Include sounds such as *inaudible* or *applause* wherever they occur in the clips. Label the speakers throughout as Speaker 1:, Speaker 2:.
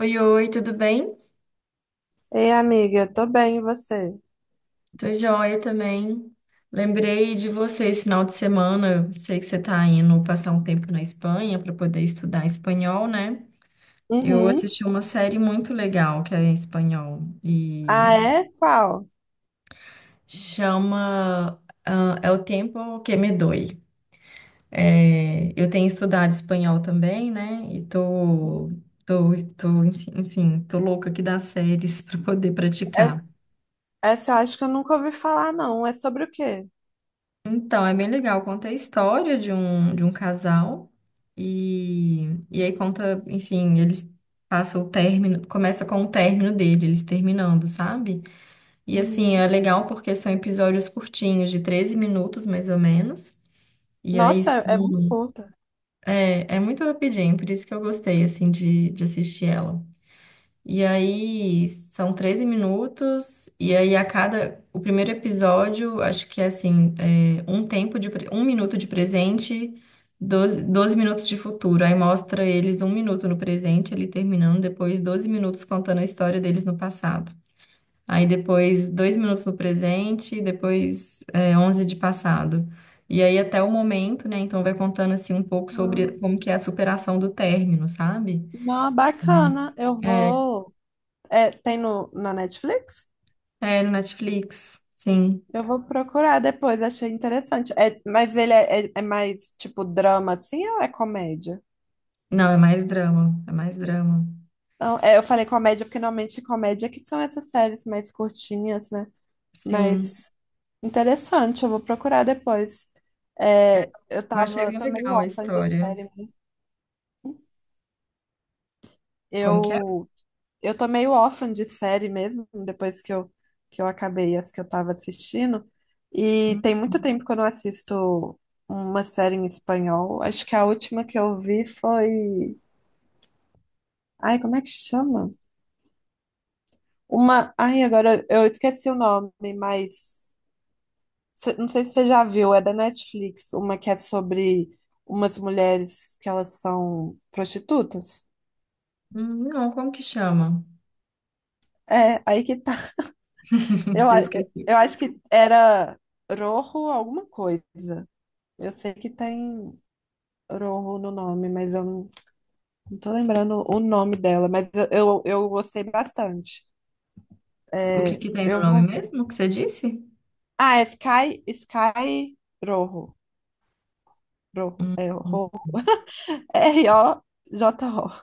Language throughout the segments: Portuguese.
Speaker 1: Oi, oi, tudo bem?
Speaker 2: Ei, amiga, tô bem, e você?
Speaker 1: Tô joia também. Lembrei de você esse final de semana. Eu sei que você tá indo passar um tempo na Espanha para poder estudar espanhol, né? Eu
Speaker 2: Uhum.
Speaker 1: assisti uma série muito legal que é em espanhol
Speaker 2: Ah,
Speaker 1: e
Speaker 2: é? Qual?
Speaker 1: chama É o Tempo que me doi. É, eu tenho estudado espanhol também, né? E
Speaker 2: Uhum.
Speaker 1: tô, tô, tô louca aqui das séries *laughs* para poder
Speaker 2: É-
Speaker 1: praticar.
Speaker 2: Essa eu acho que eu nunca ouvi falar, não. É sobre o quê?
Speaker 1: Então, é bem legal. Conta a história de um casal e aí conta, enfim, eles passam o término, começa com o término dele, eles terminando, sabe? E assim, é
Speaker 2: Uhum.
Speaker 1: legal porque são episódios curtinhos, de 13 minutos mais ou menos. E aí
Speaker 2: Nossa,
Speaker 1: s-
Speaker 2: é muito curta.
Speaker 1: É, é muito rapidinho, por isso que eu gostei, assim, de assistir ela. E aí são 13 minutos, e aí a cada. O primeiro episódio, acho que é assim, é, um tempo de um minuto de presente, doze minutos de futuro. Aí mostra eles um minuto no presente, ele terminando, depois 12 minutos contando a história deles no passado. Aí depois dois minutos no presente, depois é, 11 de passado. E aí até o momento, né? Então vai contando assim um pouco sobre
Speaker 2: Ah,
Speaker 1: como que é a superação do término, sabe?
Speaker 2: não, bacana. Eu
Speaker 1: É,
Speaker 2: vou. É, tem no, na Netflix?
Speaker 1: é, no Netflix, sim.
Speaker 2: Eu vou procurar depois, achei interessante. É, mas ele é mais tipo drama assim ou é comédia?
Speaker 1: Não, é mais drama, é mais drama.
Speaker 2: Não, é, eu falei comédia porque normalmente comédia é que são essas séries mais curtinhas, né?
Speaker 1: Sim,
Speaker 2: Mas interessante, eu vou procurar depois. É, eu
Speaker 1: eu achei
Speaker 2: tava,
Speaker 1: bem
Speaker 2: tô meio
Speaker 1: legal a
Speaker 2: órfã de
Speaker 1: história.
Speaker 2: série mesmo.
Speaker 1: Como que é?
Speaker 2: Eu, eu tô meio órfã de série mesmo, depois que eu acabei as que eu tava assistindo. E tem muito tempo que eu não assisto uma série em espanhol. Acho que a última que eu vi foi. Ai, como é que chama? Uma. Ai, agora eu esqueci o nome, mas. Não sei se você já viu, é da Netflix, uma que é sobre umas mulheres que elas são prostitutas.
Speaker 1: Hum. Não, como que chama?
Speaker 2: É, aí que tá. *laughs*
Speaker 1: *laughs*
Speaker 2: Eu,
Speaker 1: Eu
Speaker 2: a-
Speaker 1: esqueci.
Speaker 2: eu acho que era Rojo alguma coisa. Eu sei que tem Rojo no nome, mas eu não tô lembrando o nome dela, mas eu gostei bastante.
Speaker 1: O que
Speaker 2: É,
Speaker 1: que tem no
Speaker 2: eu
Speaker 1: nome
Speaker 2: vou.
Speaker 1: mesmo que você disse?
Speaker 2: Ah, é Sky Rojo. Rojo,
Speaker 1: Hum,
Speaker 2: é
Speaker 1: hum.
Speaker 2: Rojo. *laughs* Rojo.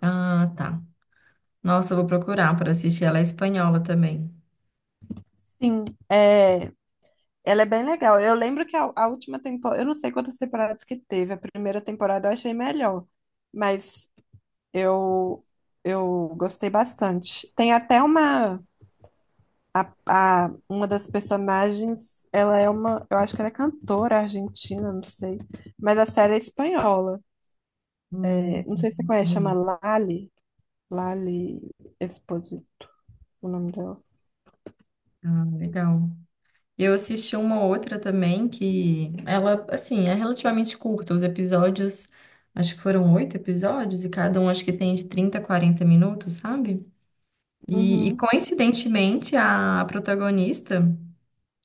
Speaker 1: Ah, tá. Nossa, eu vou procurar para assistir. Ela é espanhola também.
Speaker 2: Sim, é. Ela é bem legal. Eu lembro que a última temporada, eu não sei quantas temporadas que teve, a primeira temporada eu achei melhor, mas eu eu gostei bastante. Tem até a, uma das personagens, ela é uma, eu acho que ela é cantora argentina, não sei, mas a série é espanhola.
Speaker 1: Hum,
Speaker 2: É, não sei se você conhece, chama
Speaker 1: entendi.
Speaker 2: Lali Esposito, o nome dela.
Speaker 1: Ah, legal. Eu assisti uma outra também que ela, assim, é relativamente curta. Os episódios, acho que foram oito episódios, e cada um acho que tem de 30 a 40 minutos, sabe? E,
Speaker 2: Uhum.
Speaker 1: coincidentemente, a protagonista,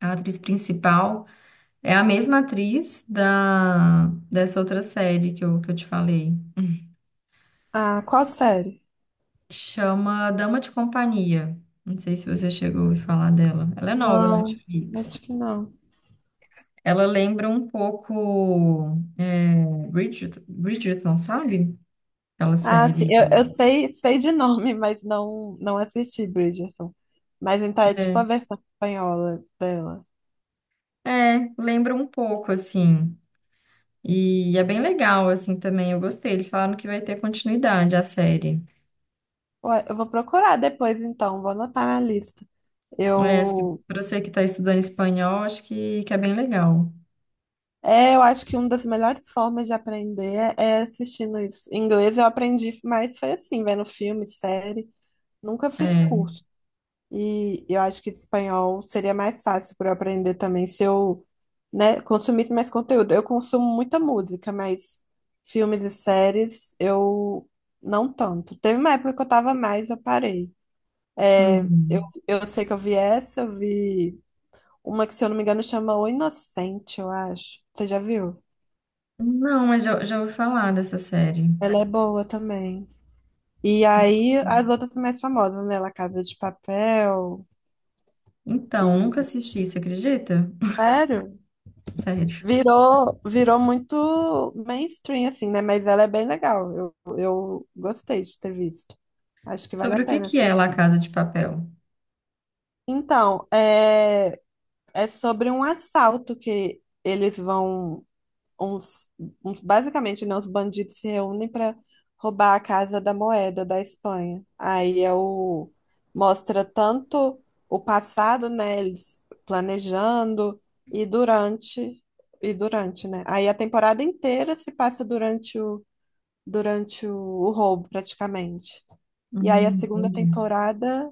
Speaker 1: a atriz principal, é a mesma atriz dessa outra série que eu te falei.
Speaker 2: Ah, qual série?
Speaker 1: Chama Dama de Companhia. Não sei se você chegou a ouvir falar dela. Ela é nova na
Speaker 2: Não, acho
Speaker 1: Netflix.
Speaker 2: que não.
Speaker 1: Ela lembra um pouco é, Bridgerton, sabe? Aquela
Speaker 2: Ah, sim,
Speaker 1: série.
Speaker 2: eu sei de nome, mas não assisti Bridgerton. Mas então é tipo
Speaker 1: É,
Speaker 2: a versão espanhola dela.
Speaker 1: é, lembra um pouco, assim. E é bem legal, assim, também. Eu gostei. Eles falaram que vai ter continuidade a série.
Speaker 2: Ué, eu vou procurar depois, então, vou anotar na lista.
Speaker 1: É, acho que
Speaker 2: Eu,
Speaker 1: para você que está estudando espanhol, acho que é bem legal.
Speaker 2: É, eu acho que uma das melhores formas de aprender é assistindo isso. Em inglês eu aprendi mais, foi assim, vendo filme, série. Nunca fiz
Speaker 1: É.
Speaker 2: curso. E eu acho que espanhol seria mais fácil para eu aprender também se eu, né, consumisse mais conteúdo. Eu consumo muita música, mas filmes e séries eu não tanto. Teve uma época que eu tava mais, eu parei. Eu,
Speaker 1: Uhum.
Speaker 2: eu sei que eu vi essa, eu vi uma que, se eu não me engano, chama O Inocente, eu acho. Você já viu?
Speaker 1: Não, mas já, já ouvi falar dessa série.
Speaker 2: Ela é boa também. E aí, as outras mais famosas, né? La Casa de Papel
Speaker 1: Então, nunca
Speaker 2: e...
Speaker 1: assisti, você acredita?
Speaker 2: Sério?
Speaker 1: *laughs* Sério.
Speaker 2: Virou muito mainstream, assim, né? Mas ela é bem legal. Eu gostei de ter visto. Acho que vale a
Speaker 1: Sobre o que
Speaker 2: pena
Speaker 1: que é La
Speaker 2: assistir.
Speaker 1: Casa de Papel?
Speaker 2: Então, é sobre um assalto que eles vão uns, basicamente, né, os bandidos se reúnem para roubar a Casa da Moeda da Espanha. Aí mostra tanto o passado, né, eles planejando e durante e durante, né? Aí a temporada inteira se passa durante o roubo, praticamente. E aí a segunda
Speaker 1: Entendi.
Speaker 2: temporada,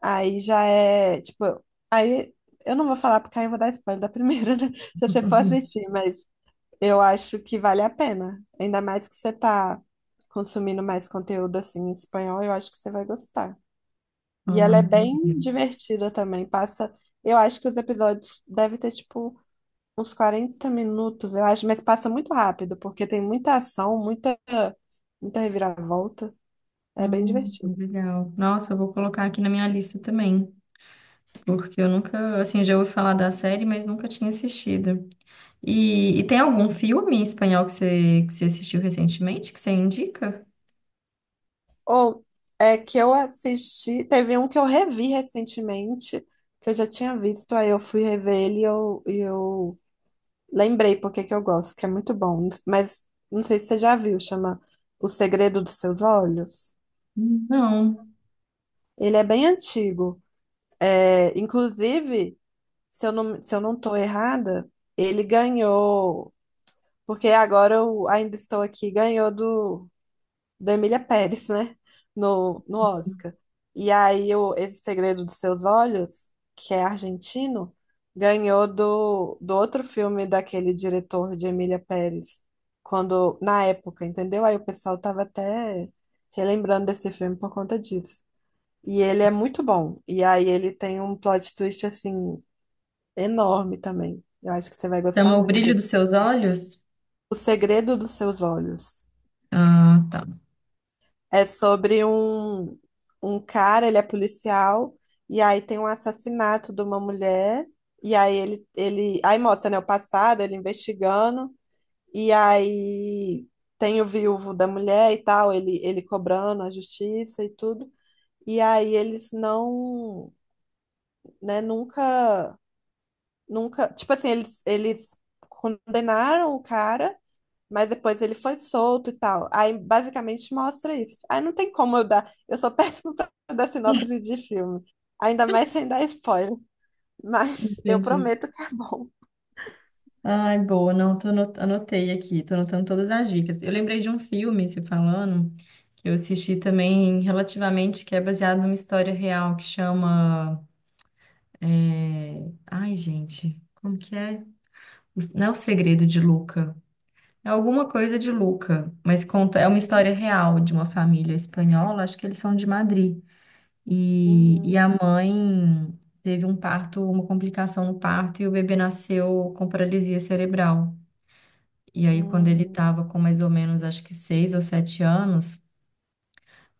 Speaker 2: aí já é, tipo, aí eu não vou falar porque aí eu vou dar spoiler da primeira, né? *laughs* Se você for
Speaker 1: Uhum.
Speaker 2: assistir, mas eu acho que vale a pena. Ainda mais que você tá consumindo mais conteúdo assim em espanhol, eu acho que você vai gostar. E
Speaker 1: Ah,
Speaker 2: ela é
Speaker 1: entendi.
Speaker 2: bem divertida também. Passa, eu acho que os episódios devem ter tipo uns 40 minutos, eu acho, mas passa muito rápido, porque tem muita ação, muita muita reviravolta. É bem divertido.
Speaker 1: Legal. Nossa, eu vou colocar aqui na minha lista também, porque eu nunca, assim, já ouvi falar da série, mas nunca tinha assistido. E tem algum filme em espanhol que você assistiu recentemente que você indica?
Speaker 2: Ou é que eu assisti, teve um que eu revi recentemente, que eu já tinha visto, aí eu fui rever ele e eu lembrei porque que eu gosto, que é muito bom. Mas não sei se você já viu, chama O Segredo dos Seus Olhos.
Speaker 1: Não.
Speaker 2: Ele é bem antigo. É, inclusive, se eu não tô errada, ele ganhou, porque agora eu ainda estou aqui, ganhou do da Emília Pérez, né? No Oscar. E aí o Esse Segredo dos Seus Olhos, que é argentino, ganhou do outro filme daquele diretor de Emília Pérez, quando, na época, entendeu? Aí o pessoal tava até relembrando desse filme por conta disso. E ele é muito bom. E aí ele tem um plot twist assim enorme também. Eu acho que você vai gostar
Speaker 1: Chama O
Speaker 2: muito
Speaker 1: Brilho
Speaker 2: dele.
Speaker 1: dos Seus Olhos?
Speaker 2: O Segredo dos Seus Olhos.
Speaker 1: Ah, tá.
Speaker 2: É sobre um cara, ele é policial, e aí tem um assassinato de uma mulher, e aí aí mostra, né, o passado, ele investigando, e aí tem o viúvo da mulher e tal, ele cobrando a justiça e tudo, e aí eles não, né, nunca, tipo assim, eles condenaram o cara, mas depois ele foi solto e tal. Aí basicamente mostra isso. Aí não tem como eu dar. Eu sou péssima *laughs* pra dar sinopse de filme. Ainda mais sem dar spoiler. *laughs* Mas eu
Speaker 1: Entendi.
Speaker 2: prometo que é bom.
Speaker 1: Ai, boa, não, anotei aqui, tô anotando todas as dicas. Eu lembrei de um filme, se falando, que eu assisti também relativamente, que é baseado numa história real, que chama ai, gente, como que é? Não é o segredo de Luca. É alguma coisa de Luca, mas conta, é uma história real de uma família espanhola, acho que eles são de Madrid.
Speaker 2: Uhum,
Speaker 1: E a mãe teve um parto, uma complicação no parto, e o bebê nasceu com paralisia cerebral. E aí, quando ele
Speaker 2: uhum,
Speaker 1: estava com mais ou menos, acho que seis ou sete anos,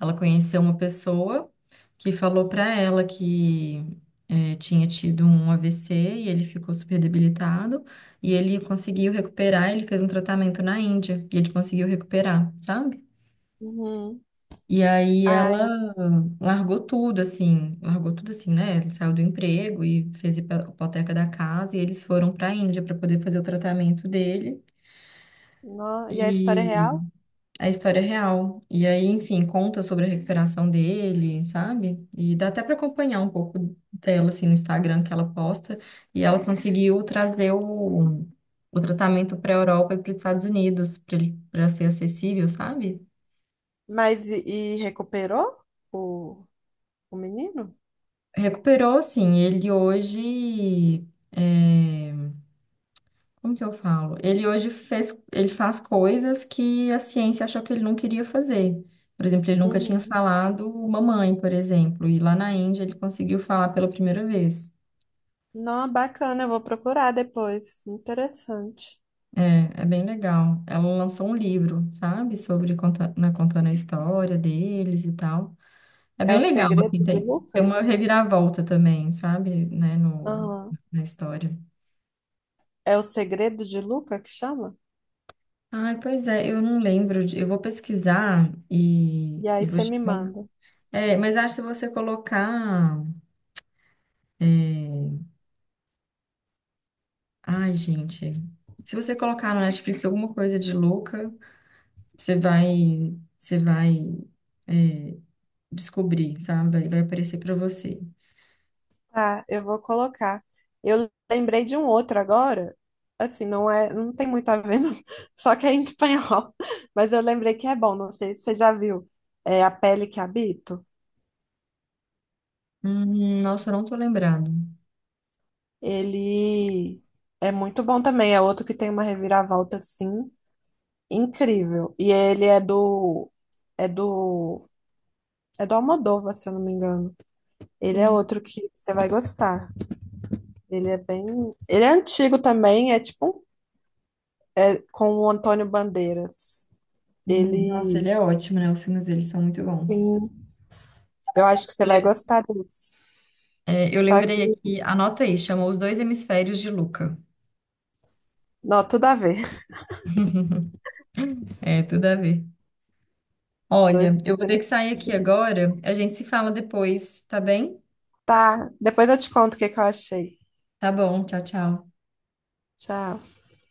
Speaker 1: ela conheceu uma pessoa que falou para ela que tinha tido um AVC e ele ficou super debilitado e ele conseguiu recuperar. Ele fez um tratamento na Índia e ele conseguiu recuperar, sabe?
Speaker 2: uhum.
Speaker 1: E aí ela
Speaker 2: Ai,
Speaker 1: largou tudo assim, né? Ele saiu do emprego e fez hipoteca da casa e eles foram para a Índia para poder fazer o tratamento dele.
Speaker 2: no... E a história é real?
Speaker 1: A história real. E aí, enfim, conta sobre a recuperação dele, sabe? E dá até para acompanhar um pouco dela, assim, no Instagram que ela posta. E ela conseguiu trazer o tratamento para a Europa e para os Estados Unidos, para ele, para ser acessível, sabe?
Speaker 2: Mas e recuperou o, o menino?
Speaker 1: Recuperou, assim, ele hoje. É, como que eu falo? Ele hoje fez, ele faz coisas que a ciência achou que ele não queria fazer. Por exemplo, ele nunca tinha
Speaker 2: Uhum.
Speaker 1: falado mamãe, por exemplo, e lá na Índia ele conseguiu falar pela primeira vez.
Speaker 2: Não, bacana, eu vou procurar depois. Interessante.
Speaker 1: É, é bem legal. Ela lançou um livro, sabe, sobre conta, né, contando a história deles e tal. É
Speaker 2: É
Speaker 1: bem
Speaker 2: o
Speaker 1: legal,
Speaker 2: segredo
Speaker 1: assim,
Speaker 2: de
Speaker 1: tem
Speaker 2: Luca?
Speaker 1: uma reviravolta também, sabe, né, no,
Speaker 2: Aham.
Speaker 1: na história.
Speaker 2: É o segredo de Luca que chama?
Speaker 1: Ai, pois é, eu não lembro. Eu vou pesquisar
Speaker 2: E
Speaker 1: e
Speaker 2: aí
Speaker 1: vou
Speaker 2: você
Speaker 1: te
Speaker 2: me
Speaker 1: contar.
Speaker 2: manda.
Speaker 1: É, mas acho que se você colocar. Ai, gente. Se você colocar no Netflix alguma coisa de louca, você vai descobrir, sabe? Vai aparecer pra você.
Speaker 2: Tá, eu vou colocar. Eu lembrei de um outro agora. Assim, não é, não tem muito a ver, não. *laughs* Só que é em espanhol. Mas eu lembrei que é bom, não sei se você já viu. É A Pele que Habito.
Speaker 1: Nossa, eu não tô lembrado.
Speaker 2: Ele é muito bom também. É outro que tem uma reviravolta assim incrível. E ele é do é do Almodóvar, se eu não me engano. Ele é
Speaker 1: Hum,
Speaker 2: outro que você vai gostar. Ele é bem, ele é antigo também, é, com o Antônio Bandeiras.
Speaker 1: hum. Nossa, ele
Speaker 2: Ele,
Speaker 1: é ótimo, né? Os filmes dele são muito bons.
Speaker 2: sim, eu acho que você
Speaker 1: Eu
Speaker 2: vai
Speaker 1: le-
Speaker 2: gostar disso.
Speaker 1: É, eu
Speaker 2: Só
Speaker 1: lembrei
Speaker 2: que,
Speaker 1: aqui, anota aí, chamou Os Dois Hemisférios de Luca.
Speaker 2: não, tudo a ver. *laughs*
Speaker 1: É, tudo a ver.
Speaker 2: Os
Speaker 1: Olha,
Speaker 2: dois.
Speaker 1: eu vou ter que sair aqui agora, a gente se fala depois, tá bem?
Speaker 2: Tá, depois eu te conto o que que eu achei.
Speaker 1: Tá bom, tchau, tchau.
Speaker 2: Tchau.